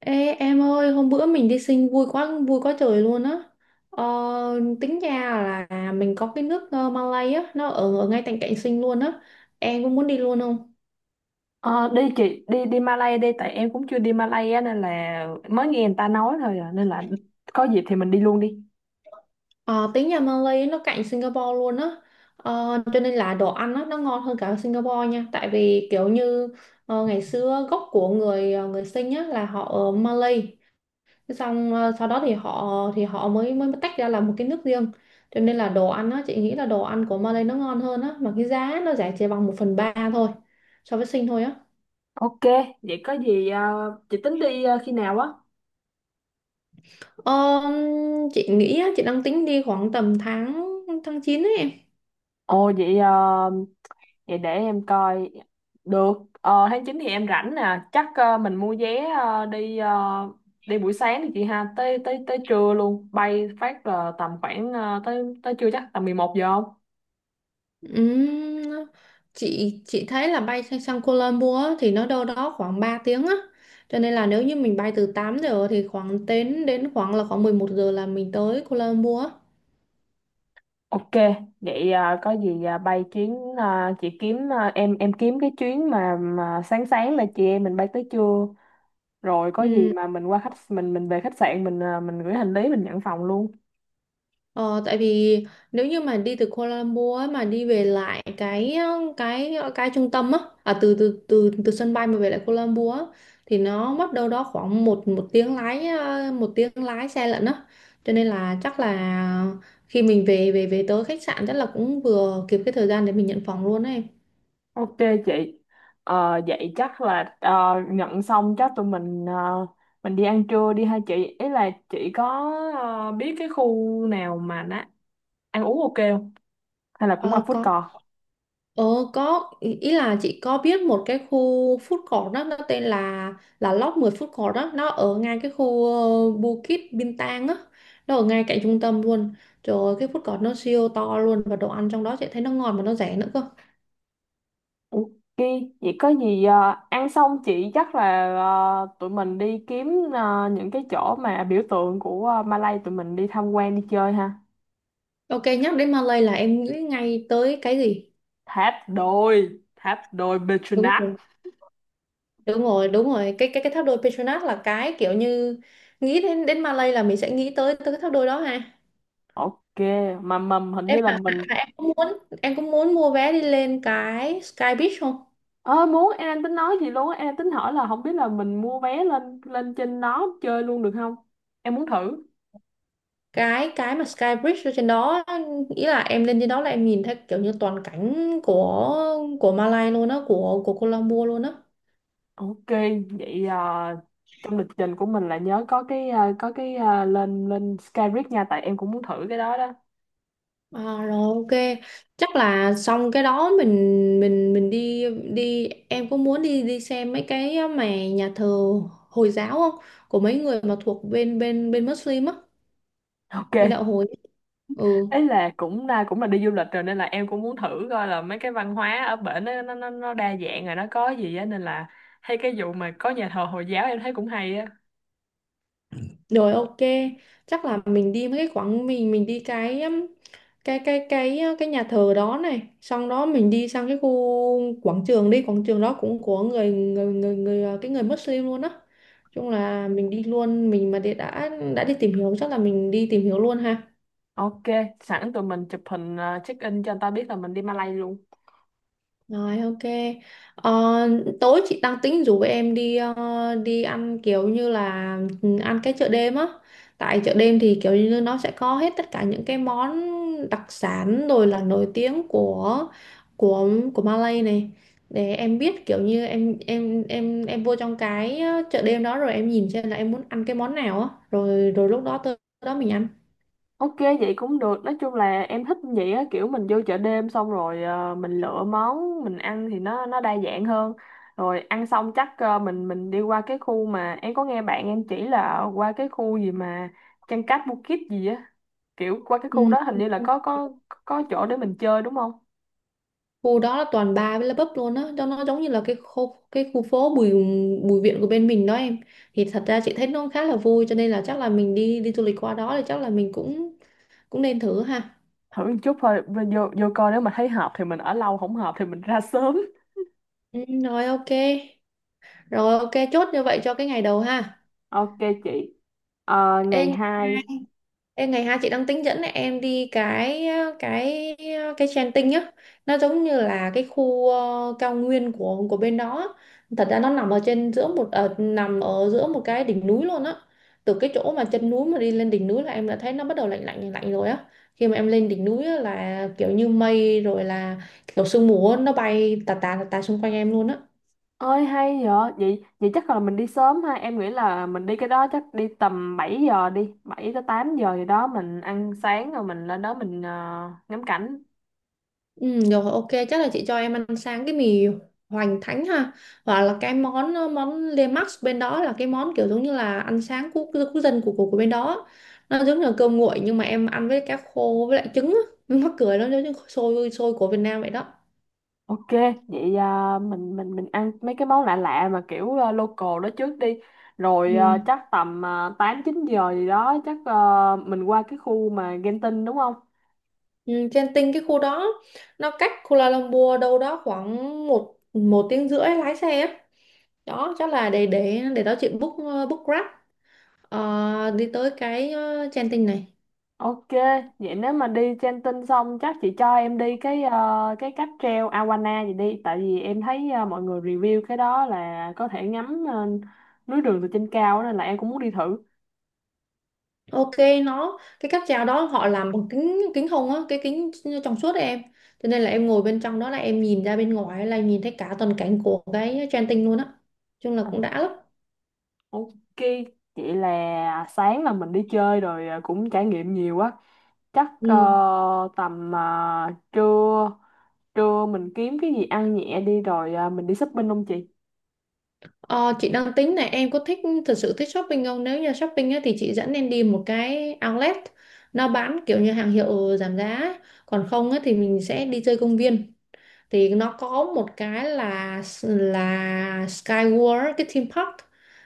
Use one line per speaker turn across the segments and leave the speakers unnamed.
Ê em ơi, hôm bữa mình đi sinh vui quá trời luôn á. Ờ, Tính ra là mình có cái nước Malay á, nó ở ngay cạnh cạnh sinh luôn á. Em cũng muốn đi luôn không?
Ờ, đi chị đi đi Malay đi tại em cũng chưa đi Malay á nên là mới nghe người ta nói thôi à, nên là có dịp thì mình đi luôn đi.
Ờ, Tính nhà Malay nó cạnh Singapore luôn á. Cho nên là đồ ăn á, nó ngon hơn cả Singapore nha. Tại vì kiểu như ngày xưa gốc của người người sinh á là họ ở Malay. Thế xong sau đó thì họ mới mới tách ra làm một cái nước riêng, cho nên là đồ ăn á, chị nghĩ là đồ ăn của Malay nó ngon hơn á mà cái giá nó rẻ chỉ bằng một phần ba thôi so với Sinh thôi á.
Ok, vậy có gì chị tính đi khi nào á?
Ờ, chị nghĩ á, chị đang tính đi khoảng tầm tháng tháng chín ấy em.
Ồ vậy ờ, vậy để em coi được tháng 9 thì em rảnh nè, chắc mình mua vé đi buổi sáng đi chị ha, tới tới tới trưa luôn, bay phát là tầm khoảng tới tới trưa chắc tầm 11 giờ.
Ừm, chị thấy là bay sang Kuala Lumpur á, thì nó đâu đó khoảng 3 tiếng á, cho nên là nếu như mình bay từ 8 giờ thì khoảng đến đến khoảng là khoảng 11 giờ là mình tới Kuala Lumpur
Ok, vậy có gì bay chuyến chị kiếm , em kiếm cái chuyến mà sáng sáng là chị em mình bay tới trưa, rồi có
á.
gì mà mình qua khách mình về khách sạn, mình mình gửi hành lý, mình nhận phòng luôn.
Ờ, Tại vì nếu như mà đi từ Kuala Lumpur ấy, mà đi về lại cái trung tâm á, từ từ từ từ sân bay mà về lại Kuala Lumpur á, thì nó mất đâu đó khoảng một một tiếng lái 1 tiếng lái xe lận á, cho nên là chắc là khi mình về về về tới khách sạn chắc là cũng vừa kịp cái thời gian để mình nhận phòng luôn ấy.
Ok chị. Vậy chắc là nhận xong chắc tụi mình mình đi ăn trưa đi hai chị. Ý là chị có biết cái khu nào mà nó ăn uống ok không? Hay là cũng qua
Ờ,
food
có.
court?
Ờ có ý ý là chị có biết một cái khu food court, đó nó tên là Lop 10 food court, đó nó ở ngay cái khu Bukit Bintang á, nó ở ngay cạnh trung tâm luôn. Trời ơi, cái food court nó siêu to luôn và đồ ăn trong đó chị thấy nó ngon mà nó rẻ nữa cơ.
Ok, vậy có gì ăn xong chị chắc là tụi mình đi kiếm những cái chỗ mà biểu tượng của Malay, tụi mình đi tham quan đi chơi ha.
Ok, nhắc đến Malay là em nghĩ ngay tới cái gì?
Tháp đôi
Đúng
Petronas.
rồi, đúng rồi, đúng rồi. Cái tháp đôi Petronas là cái kiểu như nghĩ đến đến Malay là mình sẽ nghĩ tới tới cái tháp đôi đó ha.
Ok, mà mầm hình
Em
như là mình...
em cũng muốn mua vé đi lên cái Sky Beach không?
Ơ muốn, em đang tính nói gì luôn á, em đang tính hỏi là không biết là mình mua vé lên lên trên đó chơi luôn được không? Em muốn thử.
Cái mà Sky Bridge ở trên đó, ý là em lên trên đó là em nhìn thấy kiểu như toàn cảnh của Malay luôn á, của Colombo luôn á.
Ok, vậy trong lịch trình của mình là nhớ có cái có cái à, lên lên Skyrit nha, tại em cũng muốn thử cái đó đó.
Rồi ok, chắc là xong cái đó mình đi đi em có muốn đi đi xem mấy cái mà nhà thờ Hồi giáo không, của mấy người mà thuộc bên bên bên Muslim á, bên
Ok.
đạo hồi. Ừ.
Ấy là cũng là cũng là đi du lịch rồi nên là em cũng muốn thử coi là mấy cái văn hóa ở bển nó đa dạng rồi nó có gì á nên là hay cái vụ mà có nhà thờ Hồi giáo em thấy cũng hay á.
Rồi ok, chắc là mình đi mấy cái khoảng mình đi cái cái nhà thờ đó này, xong đó mình đi sang cái khu quảng trường đi, quảng trường đó cũng của người cái người Muslim luôn á. Chung là mình đi luôn, mình mà đi- đã đi tìm hiểu, chắc là mình đi tìm hiểu luôn ha.
Ok, sẵn tụi mình chụp hình check in cho người ta biết là mình đi Malay luôn.
Rồi ok. Ờ, Tối chị đang tính rủ em đi đi ăn kiểu như là, ăn cái chợ đêm á. Tại chợ đêm thì kiểu như nó sẽ có hết tất cả những cái món đặc sản rồi là nổi tiếng của của Malay này, để em biết kiểu như em vô trong cái chợ đêm đó rồi em nhìn xem là em muốn ăn cái món nào á, rồi rồi lúc đó tới đó mình ăn.
Ok vậy cũng được, nói chung là em thích vậy á, kiểu mình vô chợ đêm xong rồi mình lựa món mình ăn thì nó đa dạng hơn, rồi ăn xong chắc mình đi qua cái khu mà em có nghe bạn em chỉ là qua cái khu gì mà Chăn cát Bukit gì á, kiểu qua cái khu
Ừ.
đó hình như là
Ok.
có chỗ để mình chơi đúng không?
Khu đó là toàn bar với là pub luôn á, cho nó giống như là cái khu phố Bùi Bùi Viện của bên mình đó em, thì thật ra chị thấy nó khá là vui, cho nên là chắc là mình đi đi du lịch qua đó thì chắc là mình cũng cũng nên thử ha.
Thử một chút thôi, vô vô vô coi nếu mà thấy hợp thì mình ở lâu, không hợp thì mình ra sớm.
Ừ, rồi ok. Rồi ok, chốt như vậy cho cái ngày đầu ha.
Ok chị.
Ê,
Ngày 2,
Ê, ngày 2 chị đang tính dẫn em đi cái cái Genting nhá, nó giống như là cái khu cao nguyên của bên đó. Thật ra nó nằm ở trên giữa một nằm ở giữa một cái đỉnh núi luôn á, từ cái chỗ mà chân núi mà đi lên đỉnh núi là em đã thấy nó bắt đầu lạnh lạnh lạnh lạnh rồi á. Khi mà em lên đỉnh núi á, là kiểu như mây rồi là kiểu sương mù á, nó bay tà tà tà tà xung quanh em luôn á.
ơi hay vậy, vậy chắc là mình đi sớm ha, em nghĩ là mình đi cái đó chắc đi tầm 7 giờ, đi 7 tới 8 giờ gì đó mình ăn sáng rồi mình lên đó mình ngắm cảnh.
Ừ, được rồi, ok chắc là chị cho em ăn sáng cái mì hoành thánh ha, hoặc là cái món món Le Max bên đó là cái món kiểu giống như là ăn sáng quốc quốc dân của bên đó, nó giống như là cơm nguội nhưng mà em ăn với cá khô với lại trứng á. Nó mắc cười, nó giống như xôi xôi của Việt Nam vậy đó.
Ok, vậy mình ăn mấy cái món lạ lạ mà kiểu local đó trước đi.
Ừ.
Rồi chắc tầm 8 9 giờ gì đó chắc mình qua cái khu mà Genting đúng không?
Ừ, trên tinh cái khu đó nó cách Kuala Lumpur đâu đó khoảng một một tiếng rưỡi lái xe á, đó chắc là để đó chị book book Grab. Đi tới cái Genting này.
Ok, vậy nếu mà đi Genting xong chắc chị cho em đi cái cái cáp treo Awana gì đi, tại vì em thấy mọi người review cái đó là có thể ngắm núi đường từ trên cao á, nên là em cũng muốn đi thử.
Ok, nó cái cáp treo đó họ làm bằng kính kính hồng á, cái kính trong suốt ấy em, cho nên là em ngồi bên trong đó là em nhìn ra bên ngoài là nhìn thấy cả toàn cảnh của cái Genting tinh luôn á, chung là cũng đã lắm.
Ok, vậy là sáng là mình đi chơi rồi cũng trải nghiệm nhiều quá. Chắc
Ừ.
tầm à, trưa trưa mình kiếm cái gì ăn nhẹ đi rồi mình đi shopping không chị?
ờ, chị đang tính này, em có thực sự thích shopping không? Nếu như shopping á, thì chị dẫn em đi một cái outlet, nó bán kiểu như hàng hiệu giảm giá ấy. Còn không á, thì mình sẽ đi chơi công viên, thì nó có một cái là Skyworld cái theme park,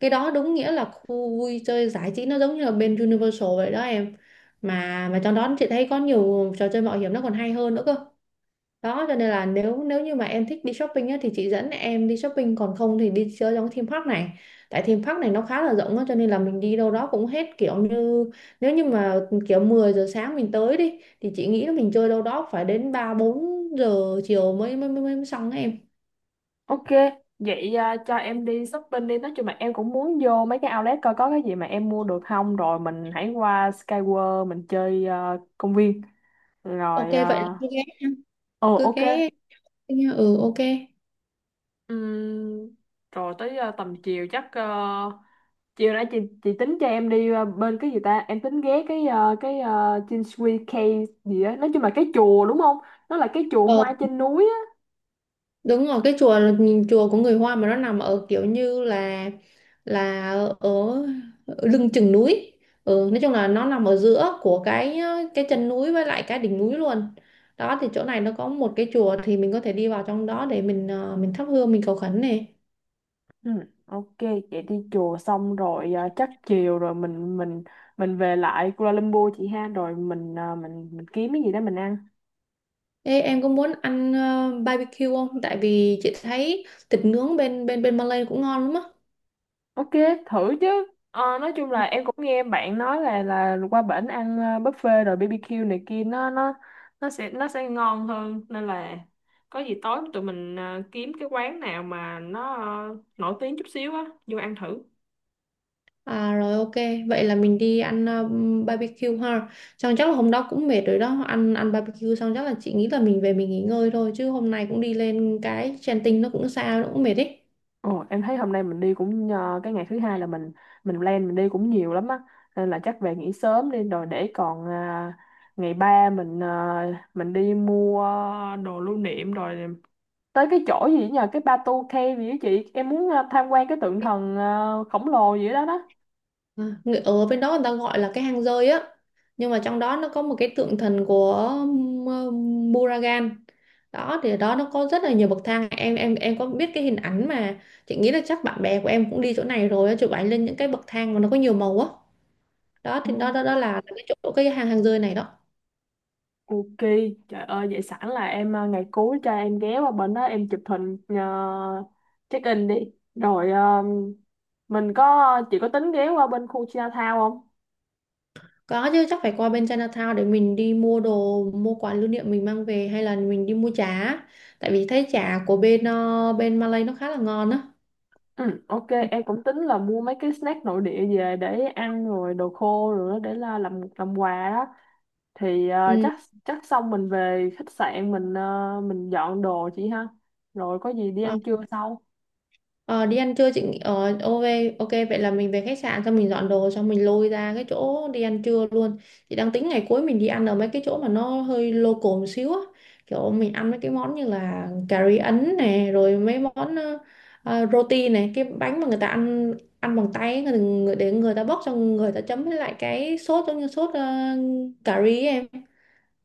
cái đó đúng nghĩa là khu vui chơi giải trí, nó giống như là bên Universal vậy đó em, mà trong đó chị thấy có nhiều trò chơi mạo hiểm nó còn hay hơn nữa cơ. Đó cho nên là nếu nếu như mà em thích đi shopping á, thì chị dẫn em đi shopping, còn không thì đi chơi trong cái theme park này. Tại theme park này nó khá là rộng á, cho nên là mình đi đâu đó cũng hết, kiểu như nếu như mà kiểu 10 giờ sáng mình tới đi thì chị nghĩ là mình chơi đâu đó phải đến 3 4 giờ chiều mới xong á em.
Ok, vậy cho em đi shopping đi. Nói chung là em cũng muốn vô mấy cái outlet coi có cái gì mà em mua được không. Rồi mình hãy qua Skyworld mình chơi công viên.
Ok,
Rồi,
vậy là cứ ghé
ờ,
cứ
ok.
ghé Ừ, ok.
Ừm, rồi tới tầm chiều chắc chiều nãy chị tính cho em đi bên cái gì ta, em tính ghé cái cái Chinsui Cave gì á, nói chung là cái chùa đúng không, nó là cái chùa
Ờ,
hoa trên núi á.
Đúng rồi, cái chùa chùa của người Hoa mà nó nằm ở kiểu như là là ở, ở lưng chừng núi. Ừ, nói chung là nó nằm ở giữa của cái chân núi với lại cái đỉnh núi luôn. Đó thì chỗ này nó có một cái chùa, thì mình có thể đi vào trong đó để mình thắp hương, mình cầu khấn này.
Ừ, ok, vậy đi chùa xong rồi chắc chiều rồi mình về lại Kuala Lumpur chị ha, rồi mình mình kiếm cái gì đó mình ăn.
Ê, em có muốn ăn barbecue không? Tại vì chị thấy thịt nướng bên bên bên Malay cũng ngon lắm á.
Ok, thử chứ. Nói chung là em cũng nghe bạn nói là qua bển ăn buffet rồi BBQ này kia nó sẽ ngon hơn nên là có gì tối tụi mình kiếm cái quán nào mà nó nổi tiếng chút xíu á, vô ăn thử.
Rồi ok, vậy là mình đi ăn barbecue ha. Xong chắc là hôm đó cũng mệt rồi đó, ăn ăn barbecue xong chắc là chị nghĩ là mình về mình nghỉ ngơi thôi, chứ hôm nay cũng đi lên cái Genting nó cũng xa nó cũng mệt ấy.
Ồ, em thấy hôm nay mình đi cũng cái ngày thứ hai là mình plan mình đi cũng nhiều lắm á, nên là chắc về nghỉ sớm đi rồi để còn ngày ba mình mình đi mua đồ lưu niệm, rồi tới cái chỗ gì nhờ, cái Batu Cave gì đó chị, em muốn tham quan cái tượng thần khổng lồ gì đó đó.
Ở bên đó người ta gọi là cái hang rơi á. Nhưng mà trong đó nó có một cái tượng thần của ờ, Buragan. Đó thì ở đó nó có rất là nhiều bậc thang. Em có biết cái hình ảnh mà chị nghĩ là chắc bạn bè của em cũng đi chỗ này rồi á, chụp ảnh lên những cái bậc thang mà nó có nhiều màu á. Đó
Ồ,
thì đó đó, đó là cái chỗ cái hang hang rơi này đó.
Ok, trời ơi, vậy sẵn là em ngày cuối cho em ghé qua bên đó em chụp hình check in đi. Rồi mình có, chị có tính ghé qua bên khu Chinatown không?
Có chứ, chắc phải qua bên Chinatown để mình đi mua đồ, mua quà lưu niệm mình mang về, hay là mình đi mua chả. Tại vì thấy chả của bên Malay nó khá là ngon á.
Ừ, ok,
Ừ.
em cũng tính là mua mấy cái snack nội địa về để ăn, rồi đồ khô rồi đó để là làm quà đó. Thì ờ,
Ừ.
chắc chắc xong mình về khách sạn mình mình dọn đồ chị ha, rồi có gì đi
Ờ,
ăn trưa sau.
Ờ, Đi ăn trưa ok. Ok, vậy là mình về khách sạn xong mình dọn đồ xong mình lôi ra cái chỗ đi ăn trưa luôn. Chị đang tính ngày cuối mình đi ăn ở mấy cái chỗ mà nó hơi local một xíu á, kiểu mình ăn mấy cái món như là cà ri Ấn này rồi mấy món roti này, cái bánh mà người ta ăn ăn bằng tay ấy, người, người để người ta bóc xong người ta chấm với lại cái sốt giống như sốt cà ri ấy em.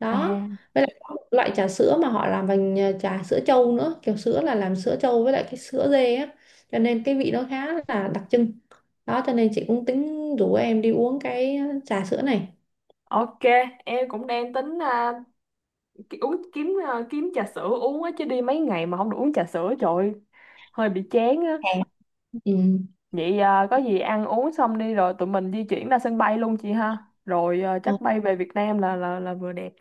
Đó,
À
với lại có một loại trà sữa mà họ làm bằng trà sữa trâu nữa, kiểu sữa là làm sữa trâu với lại cái sữa dê á, cho nên cái vị nó khá là đặc trưng. Đó cho nên chị cũng tính rủ em đi uống cái trà sữa này.
ok, em cũng đang tính kiếm trà sữa uống á, chứ đi mấy ngày mà không được uống trà sữa trời ơi, hơi bị chán á.
Ừ.
Vậy có gì ăn uống xong đi rồi tụi mình di chuyển ra sân bay luôn chị ha, rồi
ờ,
chắc bay về Việt Nam là vừa đẹp.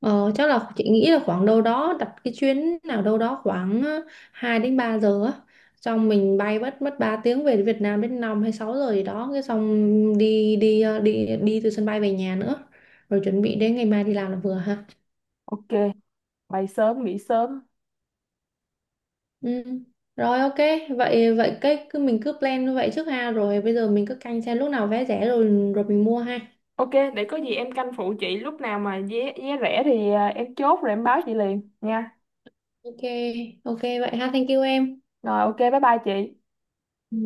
ờ, Chắc là chị nghĩ là khoảng đâu đó đặt cái chuyến nào đâu đó khoảng 2 đến 3 giờ á, xong mình bay mất mất 3 tiếng về Việt Nam đến 5 hay 6 giờ gì đó cái xong đi đi ờ, đi đi từ sân bay về nhà nữa, rồi chuẩn bị đến ngày mai đi làm là vừa ha.
Ok, bay sớm nghỉ sớm.
Ừ. Rồi ok, vậy vậy cái cứ mình cứ plan như vậy trước ha, rồi bây giờ mình cứ canh xem lúc nào vé rẻ rồi rồi mình mua ha.
Ok, để có gì em canh phụ chị lúc nào mà vé vé rẻ thì em chốt rồi em báo chị liền nha.
Ok, ok vậy ha, thank you em.
Rồi ok, bye bye chị.
Ừ.